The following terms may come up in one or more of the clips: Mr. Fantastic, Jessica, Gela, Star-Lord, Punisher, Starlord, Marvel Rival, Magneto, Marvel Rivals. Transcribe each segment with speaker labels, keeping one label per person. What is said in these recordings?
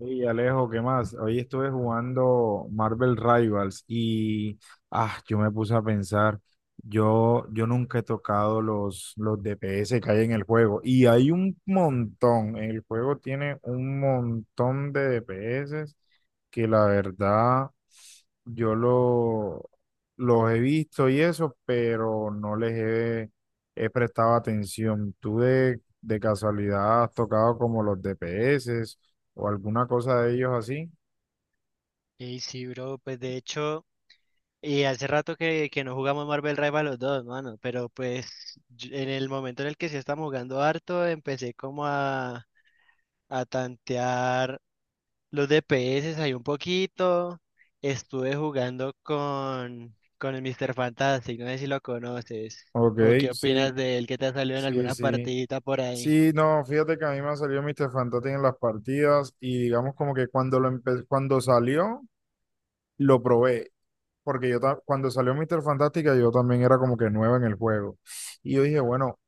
Speaker 1: Hey Alejo, ¿qué más? Hoy estuve jugando Marvel Rivals y yo me puse a pensar. Yo nunca he tocado los DPS que hay en el juego, y hay un montón. El juego tiene un montón de DPS que la verdad yo los he visto y eso, pero no les he prestado atención. ¿Tú de casualidad has tocado como los DPS o alguna cosa de ellos así?
Speaker 2: Y sí, bro, pues de hecho, y hace rato que no jugamos Marvel Rival los dos, mano, pero pues en el momento en el que sí estamos jugando harto, empecé a tantear los DPS ahí un poquito, estuve jugando con el Mr. Fantastic, no sé si lo conoces,
Speaker 1: Ok.
Speaker 2: o qué opinas
Speaker 1: Sí,
Speaker 2: de él que te ha salido en
Speaker 1: sí,
Speaker 2: alguna
Speaker 1: sí.
Speaker 2: partidita por ahí.
Speaker 1: Sí, no, fíjate que a mí me salió salido Mr. Fantastic en las partidas, y digamos como que cuando salió, lo probé. Porque yo ta- cuando salió Mr. Fantástica yo también era como que nuevo en el juego. Y yo dije, bueno,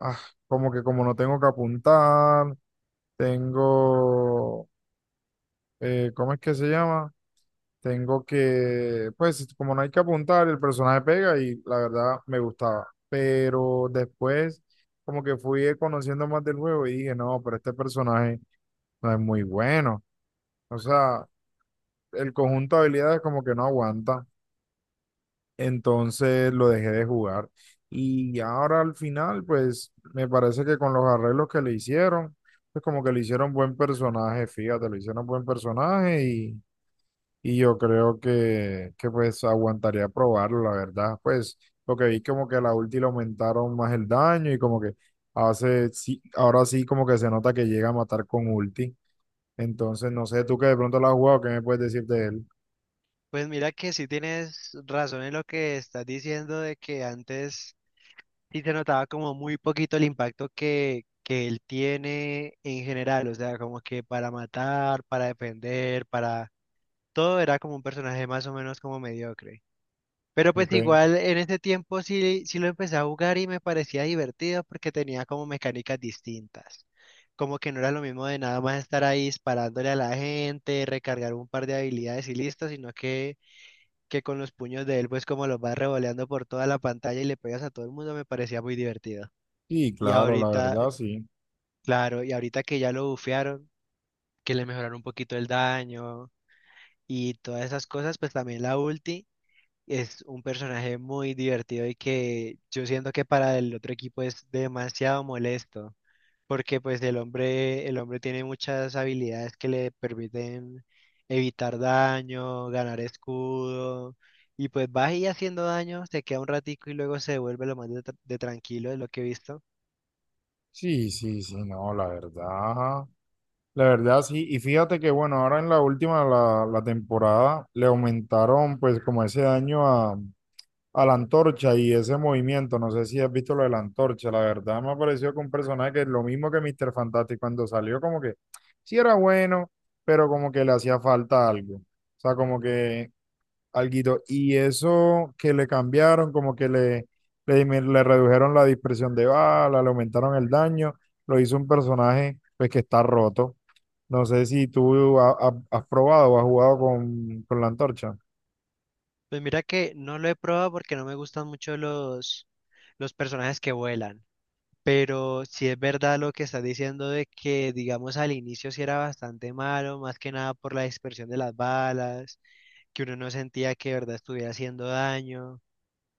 Speaker 1: ah, como que como no tengo que apuntar, tengo, ¿cómo es que se llama? Tengo que, pues como no hay que apuntar, el personaje pega y la verdad me gustaba. Pero después como que fui conociendo más del juego y dije, no, pero este personaje no es muy bueno. O sea, el conjunto de habilidades como que no aguanta. Entonces lo dejé de jugar. Y ahora al final, pues me parece que con los arreglos que le hicieron, pues como que le hicieron buen personaje, fíjate, le hicieron buen personaje y yo creo que pues aguantaría probarlo, la verdad. Pues lo que vi como que a la ulti le aumentaron más el daño y como que hace, sí, ahora sí como que se nota que llega a matar con ulti. Entonces, no sé, tú que de pronto lo has jugado, ¿qué me puedes decir de él?
Speaker 2: Pues mira que sí tienes razón en lo que estás diciendo de que antes Y se notaba como muy poquito el impacto que él tiene en general, o sea, como que para matar, para defender, para... Todo era como un personaje más o menos como mediocre. Pero pues
Speaker 1: Ok.
Speaker 2: igual en ese tiempo sí, sí lo empecé a jugar y me parecía divertido porque tenía como mecánicas distintas. Como que no era lo mismo de nada más estar ahí disparándole a la gente, recargar un par de habilidades y listo, que con los puños de él pues como los vas revoleando por toda la pantalla y le pegas a todo el mundo me parecía muy divertido.
Speaker 1: Y
Speaker 2: Y
Speaker 1: claro, la
Speaker 2: ahorita,
Speaker 1: verdad, sí.
Speaker 2: claro, y ahorita que ya lo bufearon, que le mejoraron un poquito el daño y todas esas cosas, pues también la ulti es un personaje muy divertido y que yo siento que para el otro equipo es demasiado molesto, porque pues el hombre tiene muchas habilidades que le permiten evitar daño, ganar escudo, y pues va ahí haciendo daño, se queda un ratico y luego se vuelve lo más de tranquilo, es lo que he visto.
Speaker 1: Sí, sí, sí, no, la verdad sí, y fíjate que bueno, ahora en la última, la temporada, le aumentaron pues como ese daño a la antorcha y ese movimiento, no sé si has visto lo de la antorcha, la verdad me ha parecido que un personaje que es lo mismo que Mr. Fantastic cuando salió, como que sí era bueno, pero como que le hacía falta algo, o sea, como que alguito. Y eso que le cambiaron, como que le redujeron la dispersión de bala, le aumentaron el daño, lo hizo un personaje pues que está roto. No sé si tú has probado o has jugado con la antorcha.
Speaker 2: Pues mira que no lo he probado porque no me gustan mucho los personajes que vuelan, pero sí es verdad lo que estás diciendo de que, digamos, al inicio sí era bastante malo, más que nada por la dispersión de las balas, que uno no sentía que de verdad estuviera haciendo daño,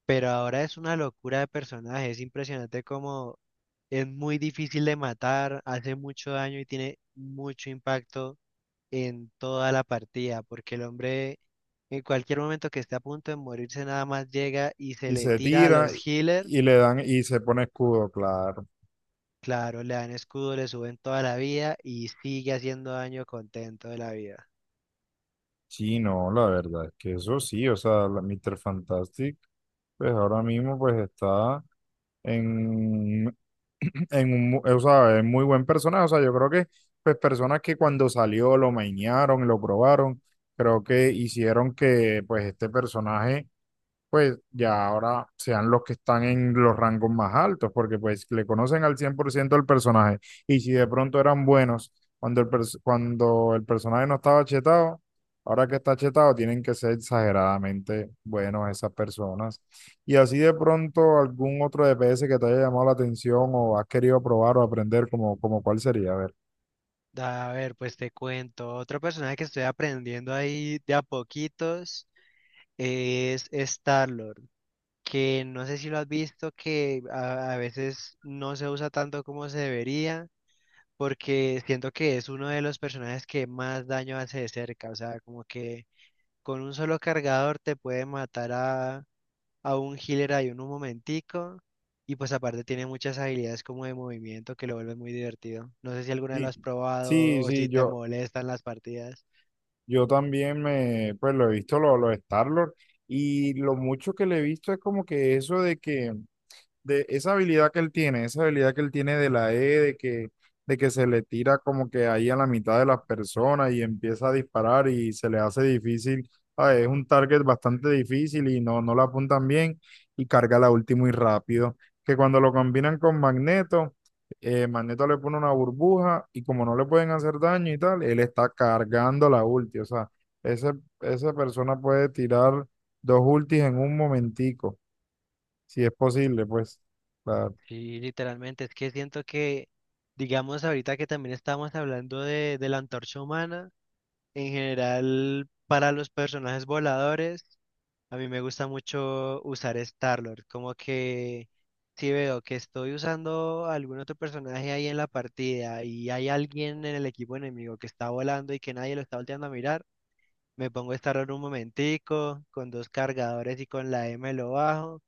Speaker 2: pero ahora es una locura de personaje, es impresionante como es muy difícil de matar, hace mucho daño y tiene mucho impacto en toda la partida, porque el hombre en cualquier momento que esté a punto de morirse nada más llega y se
Speaker 1: Y
Speaker 2: le
Speaker 1: se
Speaker 2: tira a
Speaker 1: tira
Speaker 2: los healers,
Speaker 1: y le dan y se pone escudo, claro.
Speaker 2: claro, le dan escudo, le suben toda la vida y sigue haciendo daño contento de la vida.
Speaker 1: Sí, no, la verdad es que eso sí, o sea, la Mr. Fantastic, pues ahora mismo pues está en, o sea, es muy buen personaje. O sea, yo creo que pues personas que cuando salió lo mainearon, lo probaron, creo que hicieron que pues este personaje pues ya ahora sean los que están en los rangos más altos, porque pues le conocen al 100% el personaje. Y si de pronto eran buenos cuando el personaje no estaba chetado, ahora que está chetado tienen que ser exageradamente buenos esas personas. Y así de pronto algún otro DPS que te haya llamado la atención o has querido probar o aprender, como, como cuál sería, a ver.
Speaker 2: A ver, pues te cuento, otro personaje que estoy aprendiendo ahí de a poquitos es Starlord, que no sé si lo has visto, que a veces no se usa tanto como se debería porque siento que es uno de los personajes que más daño hace de cerca, o sea, como que con un solo cargador te puede matar a un healer ahí en un momentico, y pues aparte tiene muchas habilidades como de movimiento que lo vuelve muy divertido. No sé si alguna vez lo
Speaker 1: Sí,
Speaker 2: has probado
Speaker 1: sí,
Speaker 2: o
Speaker 1: sí,
Speaker 2: si te
Speaker 1: yo,
Speaker 2: molestan las partidas.
Speaker 1: yo también me, pues lo he visto, los Star-Lord, y lo mucho que le he visto es como que eso de que de esa habilidad que él tiene, esa habilidad que él tiene de la E, de que se le tira como que ahí a la mitad de las personas y empieza a disparar y se le hace difícil, ah, es un target bastante difícil y no, no la apuntan bien y carga la ulti muy rápido, que cuando lo combinan con Magneto, Magneto le pone una burbuja y como no le pueden hacer daño y tal, él está cargando la ulti, o sea, ese, esa persona puede tirar dos ultis en un momentico si es posible, pues, la,
Speaker 2: Sí, literalmente, es que siento que, digamos, ahorita que también estamos hablando de la antorcha humana, en general, para los personajes voladores, a mí me gusta mucho usar Starlord, como que si veo que estoy usando algún otro personaje ahí en la partida y hay alguien en el equipo enemigo que está volando y que nadie lo está volteando a mirar, me pongo Starlord un momentico, con dos cargadores y con la M lo bajo,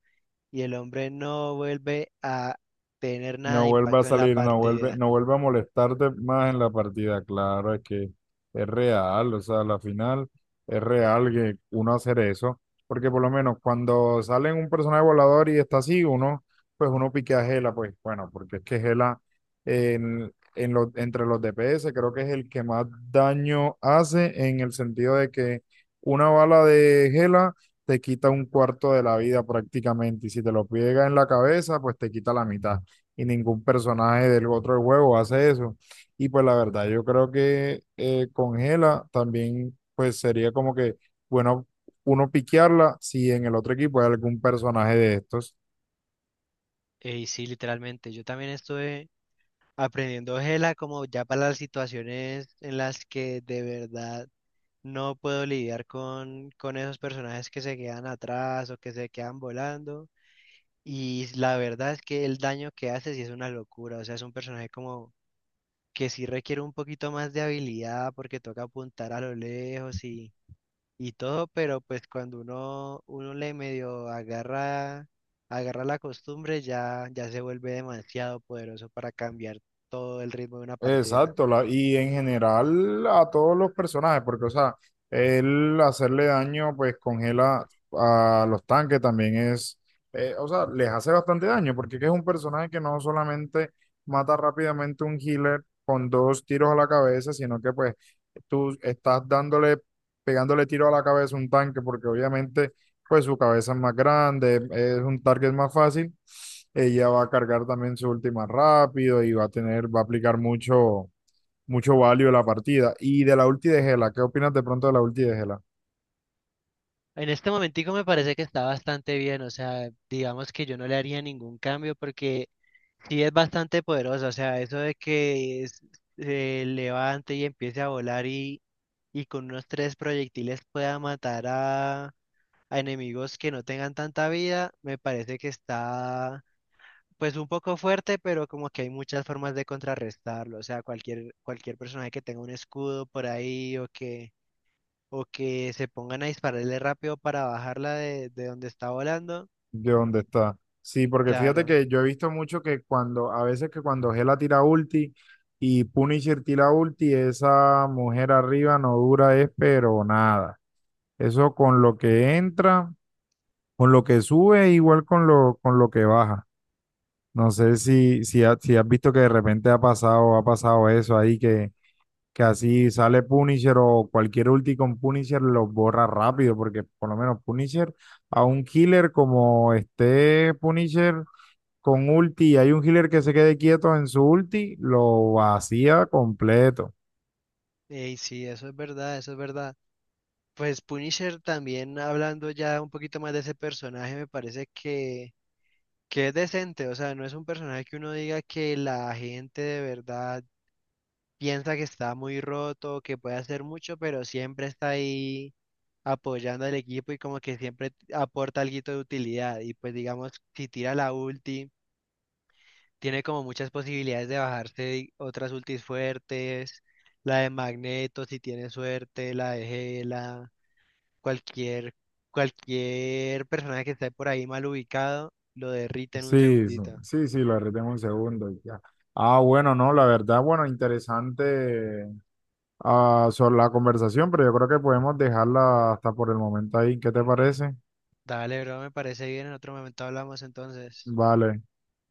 Speaker 2: y el hombre no vuelve a tener nada
Speaker 1: no
Speaker 2: de
Speaker 1: vuelva a
Speaker 2: impacto en la
Speaker 1: salir, no vuelve,
Speaker 2: partida.
Speaker 1: no vuelve a molestarte más en la partida. Claro, es que es real, o sea, la final es real que uno hacer eso, porque por lo menos cuando sale un personaje volador y está así, uno, pues uno pique a Gela, pues bueno, porque es que Gela entre los DPS creo que es el que más daño hace en el sentido de que una bala de Gela te quita un cuarto de la vida prácticamente, y si te lo pega en la cabeza, pues te quita la mitad y ningún personaje del otro juego hace eso. Y pues la verdad, yo creo que con Gela también pues sería como que bueno, uno piquearla si en el otro equipo hay algún personaje de estos.
Speaker 2: Y sí, literalmente, yo también estuve aprendiendo Gela como ya para las situaciones en las que de verdad no puedo lidiar con esos personajes que se quedan atrás o que se quedan volando. Y la verdad es que el daño que hace sí es una locura. O sea, es un personaje como que sí requiere un poquito más de habilidad porque toca apuntar a lo lejos y todo, pero pues uno le medio agarra, agarra la costumbre, ya se vuelve demasiado poderoso para cambiar todo el ritmo de una partida.
Speaker 1: Exacto, la- y en general a todos los personajes, porque, o sea, el hacerle daño pues congela a los tanques también es, o sea, les hace bastante daño, porque es un personaje que no solamente mata rápidamente un healer con dos tiros a la cabeza, sino que pues tú estás dándole, pegándole tiro a la cabeza a un tanque, porque obviamente pues su cabeza es más grande, es un target más fácil. Ella va a cargar también su última rápido y va a tener, va a aplicar mucho, mucho value a la partida. Y de la ulti de Gela, ¿qué opinas de pronto de la ulti de Gela?
Speaker 2: En este momentico me parece que está bastante bien, o sea, digamos que yo no le haría ningún cambio porque sí es bastante poderosa, o sea, eso de se levante y empiece a volar y con unos tres proyectiles pueda matar a enemigos que no tengan tanta vida, me parece que está pues un poco fuerte, pero como que hay muchas formas de contrarrestarlo, o sea, cualquier personaje que tenga un escudo por ahí o que se pongan a dispararle rápido para bajarla de donde está volando.
Speaker 1: ¿De dónde está? Sí, porque fíjate
Speaker 2: Claro,
Speaker 1: que yo he visto mucho que cuando, a veces que cuando Gela tira ulti y Punisher tira ulti, esa mujer arriba no dura es pero nada. Eso con lo que entra, con lo que sube, igual con lo que baja. No sé si has visto que de repente ha pasado eso ahí, que así sale Punisher o cualquier ulti con Punisher lo borra rápido, porque por lo menos Punisher a un healer como esté Punisher con ulti y hay un healer que se quede quieto en su ulti, lo vacía completo.
Speaker 2: y sí, eso es verdad, eso es verdad. Pues Punisher también, hablando ya un poquito más de ese personaje, me parece que es decente, o sea, no es un personaje que uno diga que la gente de verdad piensa que está muy roto, que puede hacer mucho, pero siempre está ahí apoyando al equipo y como que siempre aporta algo de utilidad. Y pues digamos, si tira la ulti, tiene como muchas posibilidades de bajarse otras ultis fuertes, la de Magneto si tiene suerte, la de Gela, cualquier, cualquier personaje que esté por ahí mal ubicado, lo derrite en un
Speaker 1: Sí, sí,
Speaker 2: segundito.
Speaker 1: sí, sí, lo retengo un segundo y ya. Ah, bueno, no, la verdad, bueno, interesante sobre la conversación, pero yo creo que podemos dejarla hasta por el momento ahí. ¿Qué te parece?
Speaker 2: Dale, bro, me parece bien, en otro momento hablamos entonces.
Speaker 1: Vale.